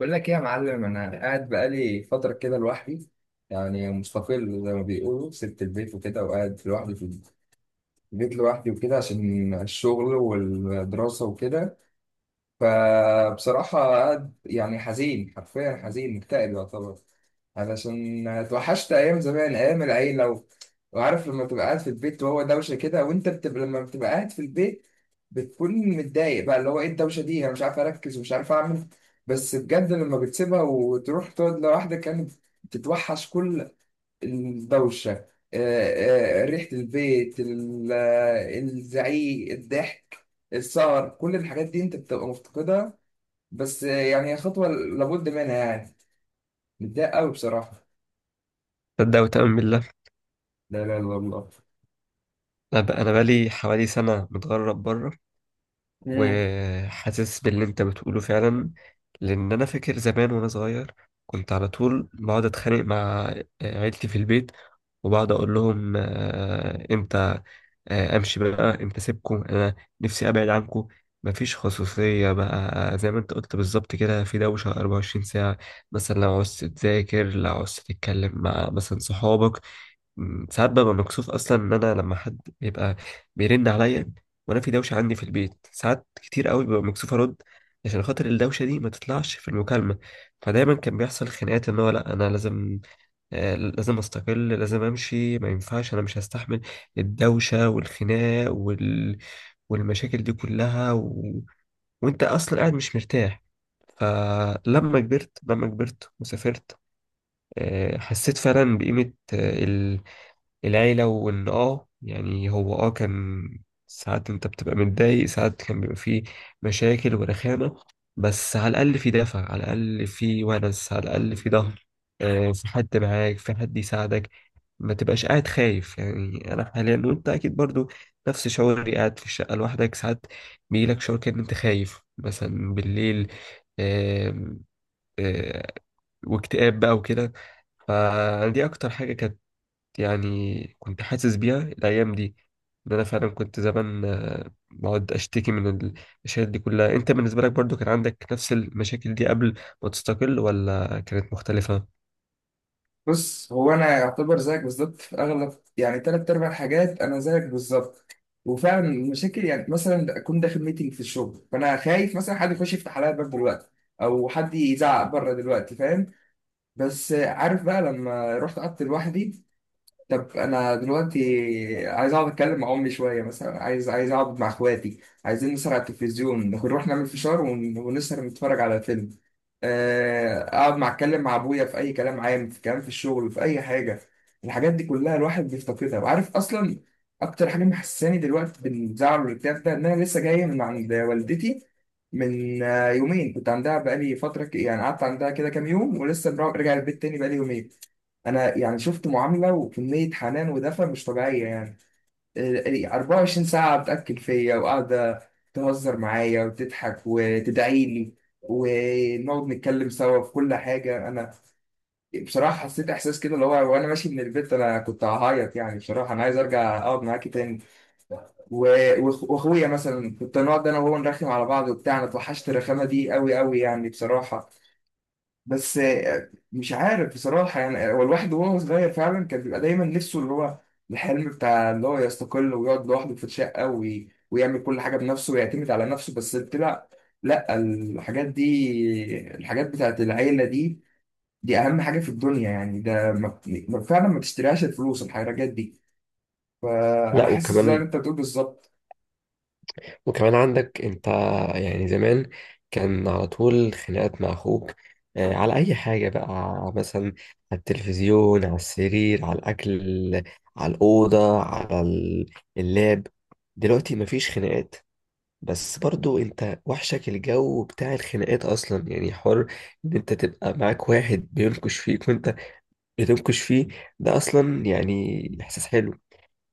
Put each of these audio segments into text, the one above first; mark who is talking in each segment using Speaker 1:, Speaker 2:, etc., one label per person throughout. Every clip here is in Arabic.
Speaker 1: بقول لك ايه يا معلم، انا قاعد بقالي فتره كده لوحدي. يعني مستقل زي ما بيقولوا، سبت البيت وكده وقاعد لوحدي في البيت لوحدي وكده، عشان الشغل والدراسه وكده. فبصراحة قاعد يعني حزين، حرفيا حزين، مكتئب يعتبر، علشان اتوحشت أيام زمان، أيام العيلة وعارف لما تبقى قاعد في البيت وهو دوشة كده، وأنت بتبقى لما بتبقى قاعد في البيت بتكون متضايق، بقى اللي هو إيه الدوشة دي، أنا مش عارف أركز ومش عارف أعمل. بس بجد لما بتسيبها وتروح تقعد لوحدك، كانت بتتوحش كل الدوشة. ريحة البيت، الزعيق، الضحك، السهر، كل الحاجات دي انت بتبقى مفتقدها. بس يعني هي خطوة لابد منها يعني. متضايق قوي بصراحة.
Speaker 2: تصدق وتؤمن بالله.
Speaker 1: لا، لا، لا، الله.
Speaker 2: أنا بقالي حوالي سنه متغرب بره،
Speaker 1: مم.
Speaker 2: وحاسس باللي انت بتقوله فعلا. لان انا فاكر زمان وانا صغير كنت على طول بقعد اتخانق مع عيلتي في البيت، وبقعد اقول لهم امتى امشي بقى، امتى اسيبكم؟ انا نفسي ابعد عنكم. مفيش خصوصيه بقى زي ما انت قلت بالظبط كده، في دوشه 24 ساعه. مثلا لو عوزت تذاكر، لو عوزت تتكلم مع مثلا صحابك، ساعات ببقى مكسوف اصلا ان انا لما حد بيبقى بيرن عليا وانا في دوشه عندي في البيت، ساعات كتير قوي ببقى مكسوف ارد عشان خاطر الدوشه دي ما تطلعش في المكالمه. فدايما كان بيحصل خناقات ان هو لا، انا لازم لازم استقل، لازم امشي، ما ينفعش، انا مش هستحمل الدوشه والخناق والمشاكل دي كلها، وانت اصلا قاعد مش مرتاح. فلما كبرت وسافرت، حسيت فعلا بقيمة العيلة، وإن يعني هو كان ساعات أنت بتبقى متضايق، ساعات كان بيبقى فيه مشاكل ورخامة. بس على الأقل في دافع، على الأقل في ونس، على الأقل في ظهر، في حد معاك، في حد يساعدك، ما تبقاش قاعد خايف. يعني أنا حاليا، وأنت أكيد برضو نفس شعوري، قاعد في الشقة لوحدك، ساعات بيجيلك شعور كأن أنت خايف مثلا بالليل، آم، آه، واكتئاب بقى وكده. فدي أكتر حاجة كانت، يعني كنت حاسس بيها الأيام دي. إن أنا فعلا كنت زمان بقعد أشتكي من المشاكل دي كلها. أنت بالنسبة لك برضو كان عندك نفس المشاكل دي قبل ما تستقل، ولا كانت مختلفة؟
Speaker 1: بص، هو انا يعتبر زيك بالظبط في اغلب، يعني تلات ارباع الحاجات انا زيك بالظبط. وفعلا المشاكل، يعني مثلا اكون داخل ميتنج في الشغل فانا خايف مثلا حد يخش يفتح عليا الباب دلوقتي، او حد يزعق بره دلوقتي، فاهم. بس عارف بقى لما رحت قعدت لوحدي، طب انا دلوقتي عايز اقعد اتكلم مع امي شويه، مثلا عايز اقعد مع اخواتي، عايزين نسهر على التلفزيون، نروح نعمل فشار ونسهر نتفرج على فيلم، اقعد مع اتكلم مع ابويا في اي كلام عام، في كلام في الشغل، في اي حاجه. الحاجات دي كلها الواحد بيفتقدها. وعارف اصلا اكتر حاجه محساني دلوقتي بالزعل والاكتئاب ده، ان انا لسه جاي من عند والدتي، من يومين كنت عندها، بقالي فتره يعني قعدت عندها كده كام يوم، ولسه راجع البيت تاني بقالي يومين. انا يعني شفت معامله وكميه حنان ودفى مش طبيعيه، يعني 24 ساعه بتاكل فيا، وقاعده تهزر معايا وتضحك وتدعي لي، ونقعد نتكلم سوا في كل حاجه. انا بصراحه حسيت احساس كده اللي هو، وانا ماشي من البيت انا كنت هعيط يعني، بصراحه انا عايز ارجع اقعد معاكي تاني. واخويا مثلا كنت نقعد انا وهو نرخم على بعض وبتاع، انا اتوحشت الرخامه دي قوي قوي، يعني بصراحه. بس مش عارف بصراحة، يعني هو الواحد وهو صغير فعلا كان بيبقى دايما نفسه اللي هو الحلم بتاع اللي هو يستقل ويقعد لوحده في الشقة، ويعمل كل حاجة بنفسه ويعتمد على نفسه. بس طلع لا، الحاجات بتاعت العيلة دي أهم حاجة في الدنيا، يعني ده ما... ما- فعلا ما تشتريهاش الفلوس الحاجات دي. فأنا
Speaker 2: لا
Speaker 1: حاسس زي ما
Speaker 2: وكمان
Speaker 1: أنت بتقول بالظبط.
Speaker 2: وكمان عندك انت، يعني زمان كان على طول خناقات مع اخوك، على اي حاجه بقى، مثلا على التلفزيون، على السرير، على الاكل، على الاوضه، على اللاب. دلوقتي مفيش خناقات، بس برضو انت وحشك الجو بتاع الخناقات اصلا. يعني حر ان انت تبقى معاك واحد بينكش فيك وانت بتنكش فيه، ده اصلا يعني احساس حلو.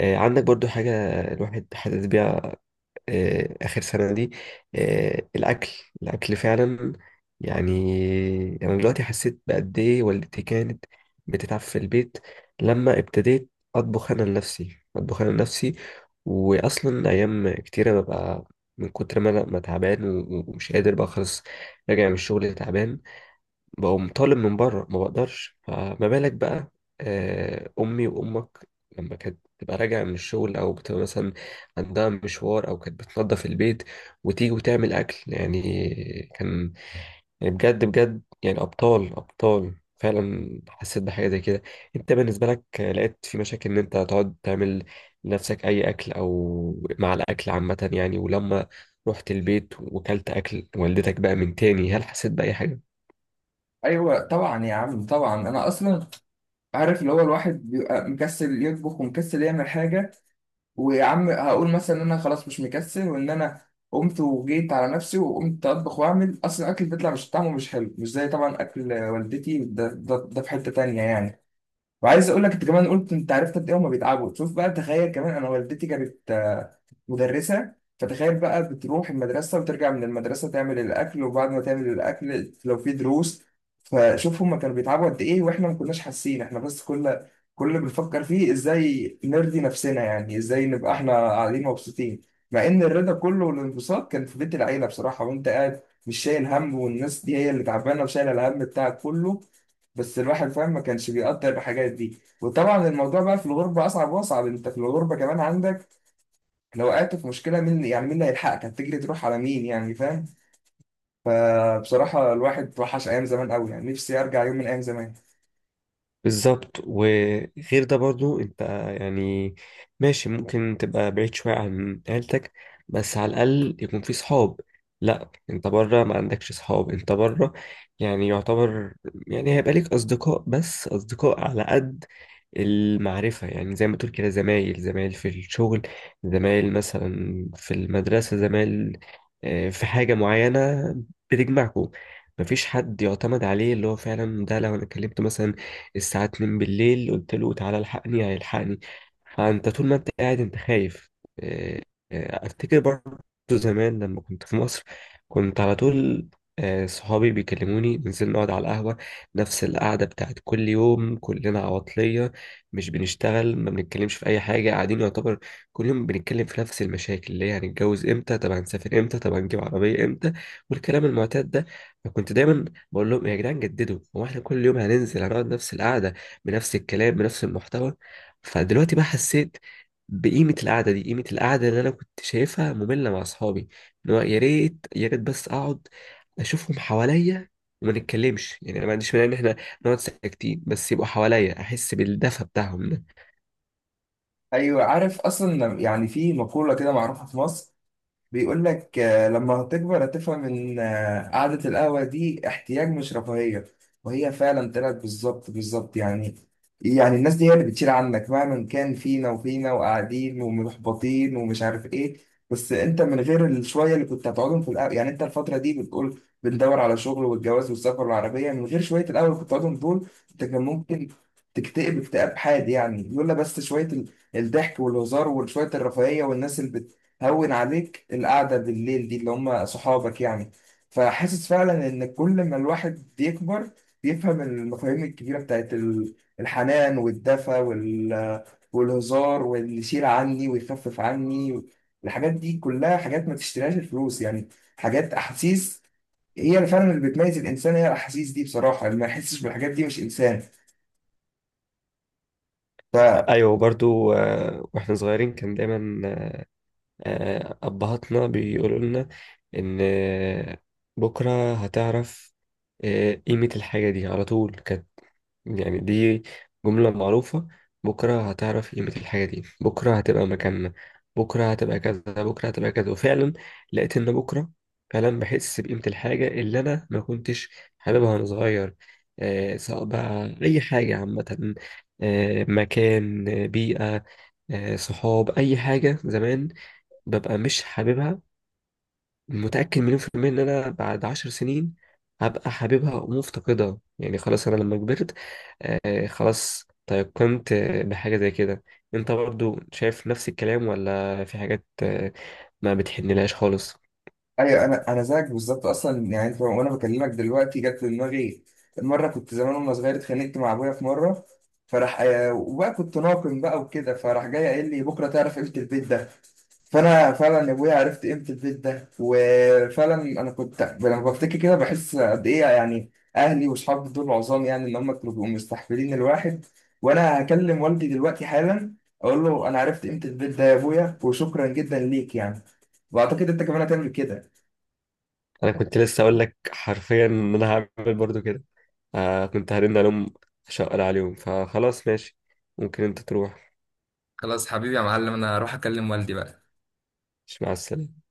Speaker 2: عندك برضو حاجة الواحد حاسس بيها آخر سنة دي. الأكل، الأكل فعلا. يعني أنا دلوقتي حسيت بقد إيه والدتي كانت بتتعب في البيت لما ابتديت أطبخ أنا لنفسي. وأصلا أيام كتيرة ببقى من كتر ما أنا ما تعبان ومش قادر بقى، خلاص راجع من الشغل تعبان، بقوم طالب من بره، ما بقدرش. فما بالك بقى امي وامك لما كانت تبقى راجعه من الشغل، او بتبقى مثلا عندها مشوار، او كانت بتنظف البيت وتيجي وتعمل اكل. يعني كان يعني بجد بجد، يعني ابطال ابطال فعلا. حسيت بحاجه زي كده. انت بالنسبه لك لقيت في مشاكل ان انت تقعد تعمل لنفسك اي اكل، او مع الاكل عامه يعني؟ ولما رحت البيت وكلت اكل والدتك بقى من تاني، هل حسيت باي حاجه؟
Speaker 1: ايوه طبعا يا عم، طبعا انا اصلا عارف اللي هو الواحد بيبقى مكسل يطبخ ومكسل يعمل حاجه. ويا عم، هقول مثلا ان انا خلاص مش مكسل وان انا قمت وجيت على نفسي وقمت اطبخ، واعمل، اصلا الاكل بيطلع مش طعمه، مش حلو، مش زي طبعا اكل والدتي، ده في حتة تانية يعني. وعايز اقول لك، انت كمان قلت انت عرفت قد ايه هما بيتعبوا. شوف بقى، تخيل كمان انا والدتي كانت مدرسه، فتخيل بقى بتروح المدرسه وترجع من المدرسه تعمل الاكل، وبعد ما تعمل الاكل لو في دروس. فشوف هما كانوا بيتعبوا قد ايه، واحنا ما كناش حاسين، احنا بس كل اللي بنفكر فيه ازاي نرضي نفسنا، يعني ازاي نبقى احنا قاعدين مبسوطين، مع ان الرضا كله والانبساط كان في بيت العيله بصراحه، وانت قاعد مش شايل هم، والناس دي هي اللي تعبانه وشايله الهم بتاعك كله. بس الواحد فاهم، ما كانش بيقدر الحاجات دي. وطبعا الموضوع بقى في الغربة أصعب وأصعب، أنت في الغربة كمان عندك لو وقعت في مشكلة مين، يعني مين اللي هيلحقك، هتجري تروح على مين يعني، فاهم. فبصراحة الواحد وحش أيام زمان قوي، يعني نفسي أرجع يوم من أيام زمان.
Speaker 2: بالظبط. وغير ده برضو انت يعني ماشي ممكن تبقى بعيد شوية عن عيلتك، بس على الأقل يكون في صحاب. لا، انت بره ما عندكش صحاب. انت بره يعني يعتبر، يعني هيبقى ليك أصدقاء، بس أصدقاء على قد المعرفة. يعني زي ما تقول كده، زمايل، زمايل في الشغل، زمايل مثلا في المدرسة، زمايل في حاجة معينة بتجمعكم. مفيش حد يعتمد عليه اللي هو فعلا ده لو انا كلمته مثلا الساعة 2 بالليل، قلت له تعالى الحقني، هيلحقني؟ فأنت طول ما أنت قاعد، أنت خايف. آه، أفتكر برضه زمان لما كنت في مصر كنت على طول صحابي بيكلموني ننزل نقعد على القهوة، نفس القعدة بتاعت كل يوم. كلنا عواطلية، مش بنشتغل، ما بنتكلمش في أي حاجة، قاعدين يعتبر كل يوم بنتكلم في نفس المشاكل، اللي هي هنتجوز امتى، طب هنسافر امتى، طب هنجيب عربية امتى، والكلام المعتاد ده. فكنت دايما بقول لهم يا جدعان جددوا، هو احنا كل يوم هننزل هنقعد نفس القعده بنفس الكلام بنفس المحتوى؟ فدلوقتي بقى حسيت بقيمه القعده دي، قيمه القعده اللي انا كنت شايفها ممله مع اصحابي. ان هو يا ريت يا ريت بس اقعد اشوفهم حواليا، وما نتكلمش. يعني انا ما عنديش مانع ان احنا نقعد ساكتين بس يبقوا حواليا احس بالدفى بتاعهم ده.
Speaker 1: أيوة، عارف أصلا، يعني في مقولة كده معروفة في مصر، بيقول لك لما هتكبر هتفهم ان قعدة القهوة دي احتياج مش رفاهية، وهي فعلا طلعت بالظبط بالظبط يعني. يعني الناس دي هي اللي بتشيل عنك مهما كان فينا وفينا، وقاعدين ومحبطين ومش عارف ايه. بس انت من غير الشوية اللي كنت هتقعدهم في القهوة، يعني انت الفترة دي بتقول بندور على شغل والجواز والسفر والعربية، من غير شوية القهوة اللي كنت هتقعدهم دول انت كان ممكن تكتئب اكتئاب حاد يعني، لولا بس شوية الضحك والهزار، وشوية الرفاهية، والناس اللي بتهون عليك القعدة بالليل دي اللي هم صحابك يعني. فحاسس فعلا إن كل ما الواحد بيكبر بيفهم المفاهيم الكبيرة بتاعت الحنان والدفى والهزار، واللي يشيل عني ويخفف عني. الحاجات دي كلها حاجات ما تشتريهاش الفلوس يعني، حاجات، أحاسيس، هي اللي فعلا اللي بتميز الإنسان، هي الأحاسيس دي بصراحة، اللي ما يحسش بالحاجات دي مش إنسان.
Speaker 2: ايوه برضو. واحنا صغيرين كان دايما أبهاتنا بيقولوا لنا إن بكرة هتعرف قيمة الحاجة دي. على طول كانت يعني دي جملة معروفة: بكرة هتعرف قيمة الحاجة دي، بكرة هتبقى مكاننا، بكرة هتبقى كذا، بكرة هتبقى كذا. وفعلا لقيت إن بكرة فعلا بحس بقيمة الحاجة اللي أنا ما كنتش حاببها وأنا صغير. سواء بقى أي حاجة عامة، مكان، بيئة، صحاب. أي حاجة زمان ببقى مش حاببها، متأكد 1000000% إن أنا بعد 10 سنين هبقى حاببها ومفتقدها. يعني خلاص أنا لما كبرت خلاص تيقنت بحاجة زي كده. أنت برضو شايف نفس الكلام، ولا في حاجات ما بتحنلهاش خالص؟
Speaker 1: ايوه، انا زيك بالظبط اصلا، يعني انت وانا بكلمك دلوقتي جت في دماغي، مره كنت زمان وانا صغير اتخانقت مع ابويا في مره، فراح وبقى كنت ناقم بقى وكده، فراح جاي قايل لي بكره تعرف قيمه البيت ده. فانا فعلا يا ابويا عرفت قيمه البيت ده، وفعلا انا كنت لما بفتكر كده بحس قد ايه يعني اهلي واصحابي دول عظام، يعني ان هم كانوا بيبقوا مستحفلين الواحد. وانا هكلم والدي دلوقتي حالا، اقول له انا عرفت قيمه البيت ده يا ابويا، وشكرا جدا ليك يعني. واعتقد انت كمان هتعمل كده.
Speaker 2: أنا كنت لسه أقول لك حرفيا إن أنا هعمل برضو كده. كنت هرن ألوم شقر عليهم. فخلاص ماشي، ممكن أنت تروح.
Speaker 1: خلاص حبيبي يا معلم، انا هروح اكلم والدي بقى.
Speaker 2: مش مع السلامة.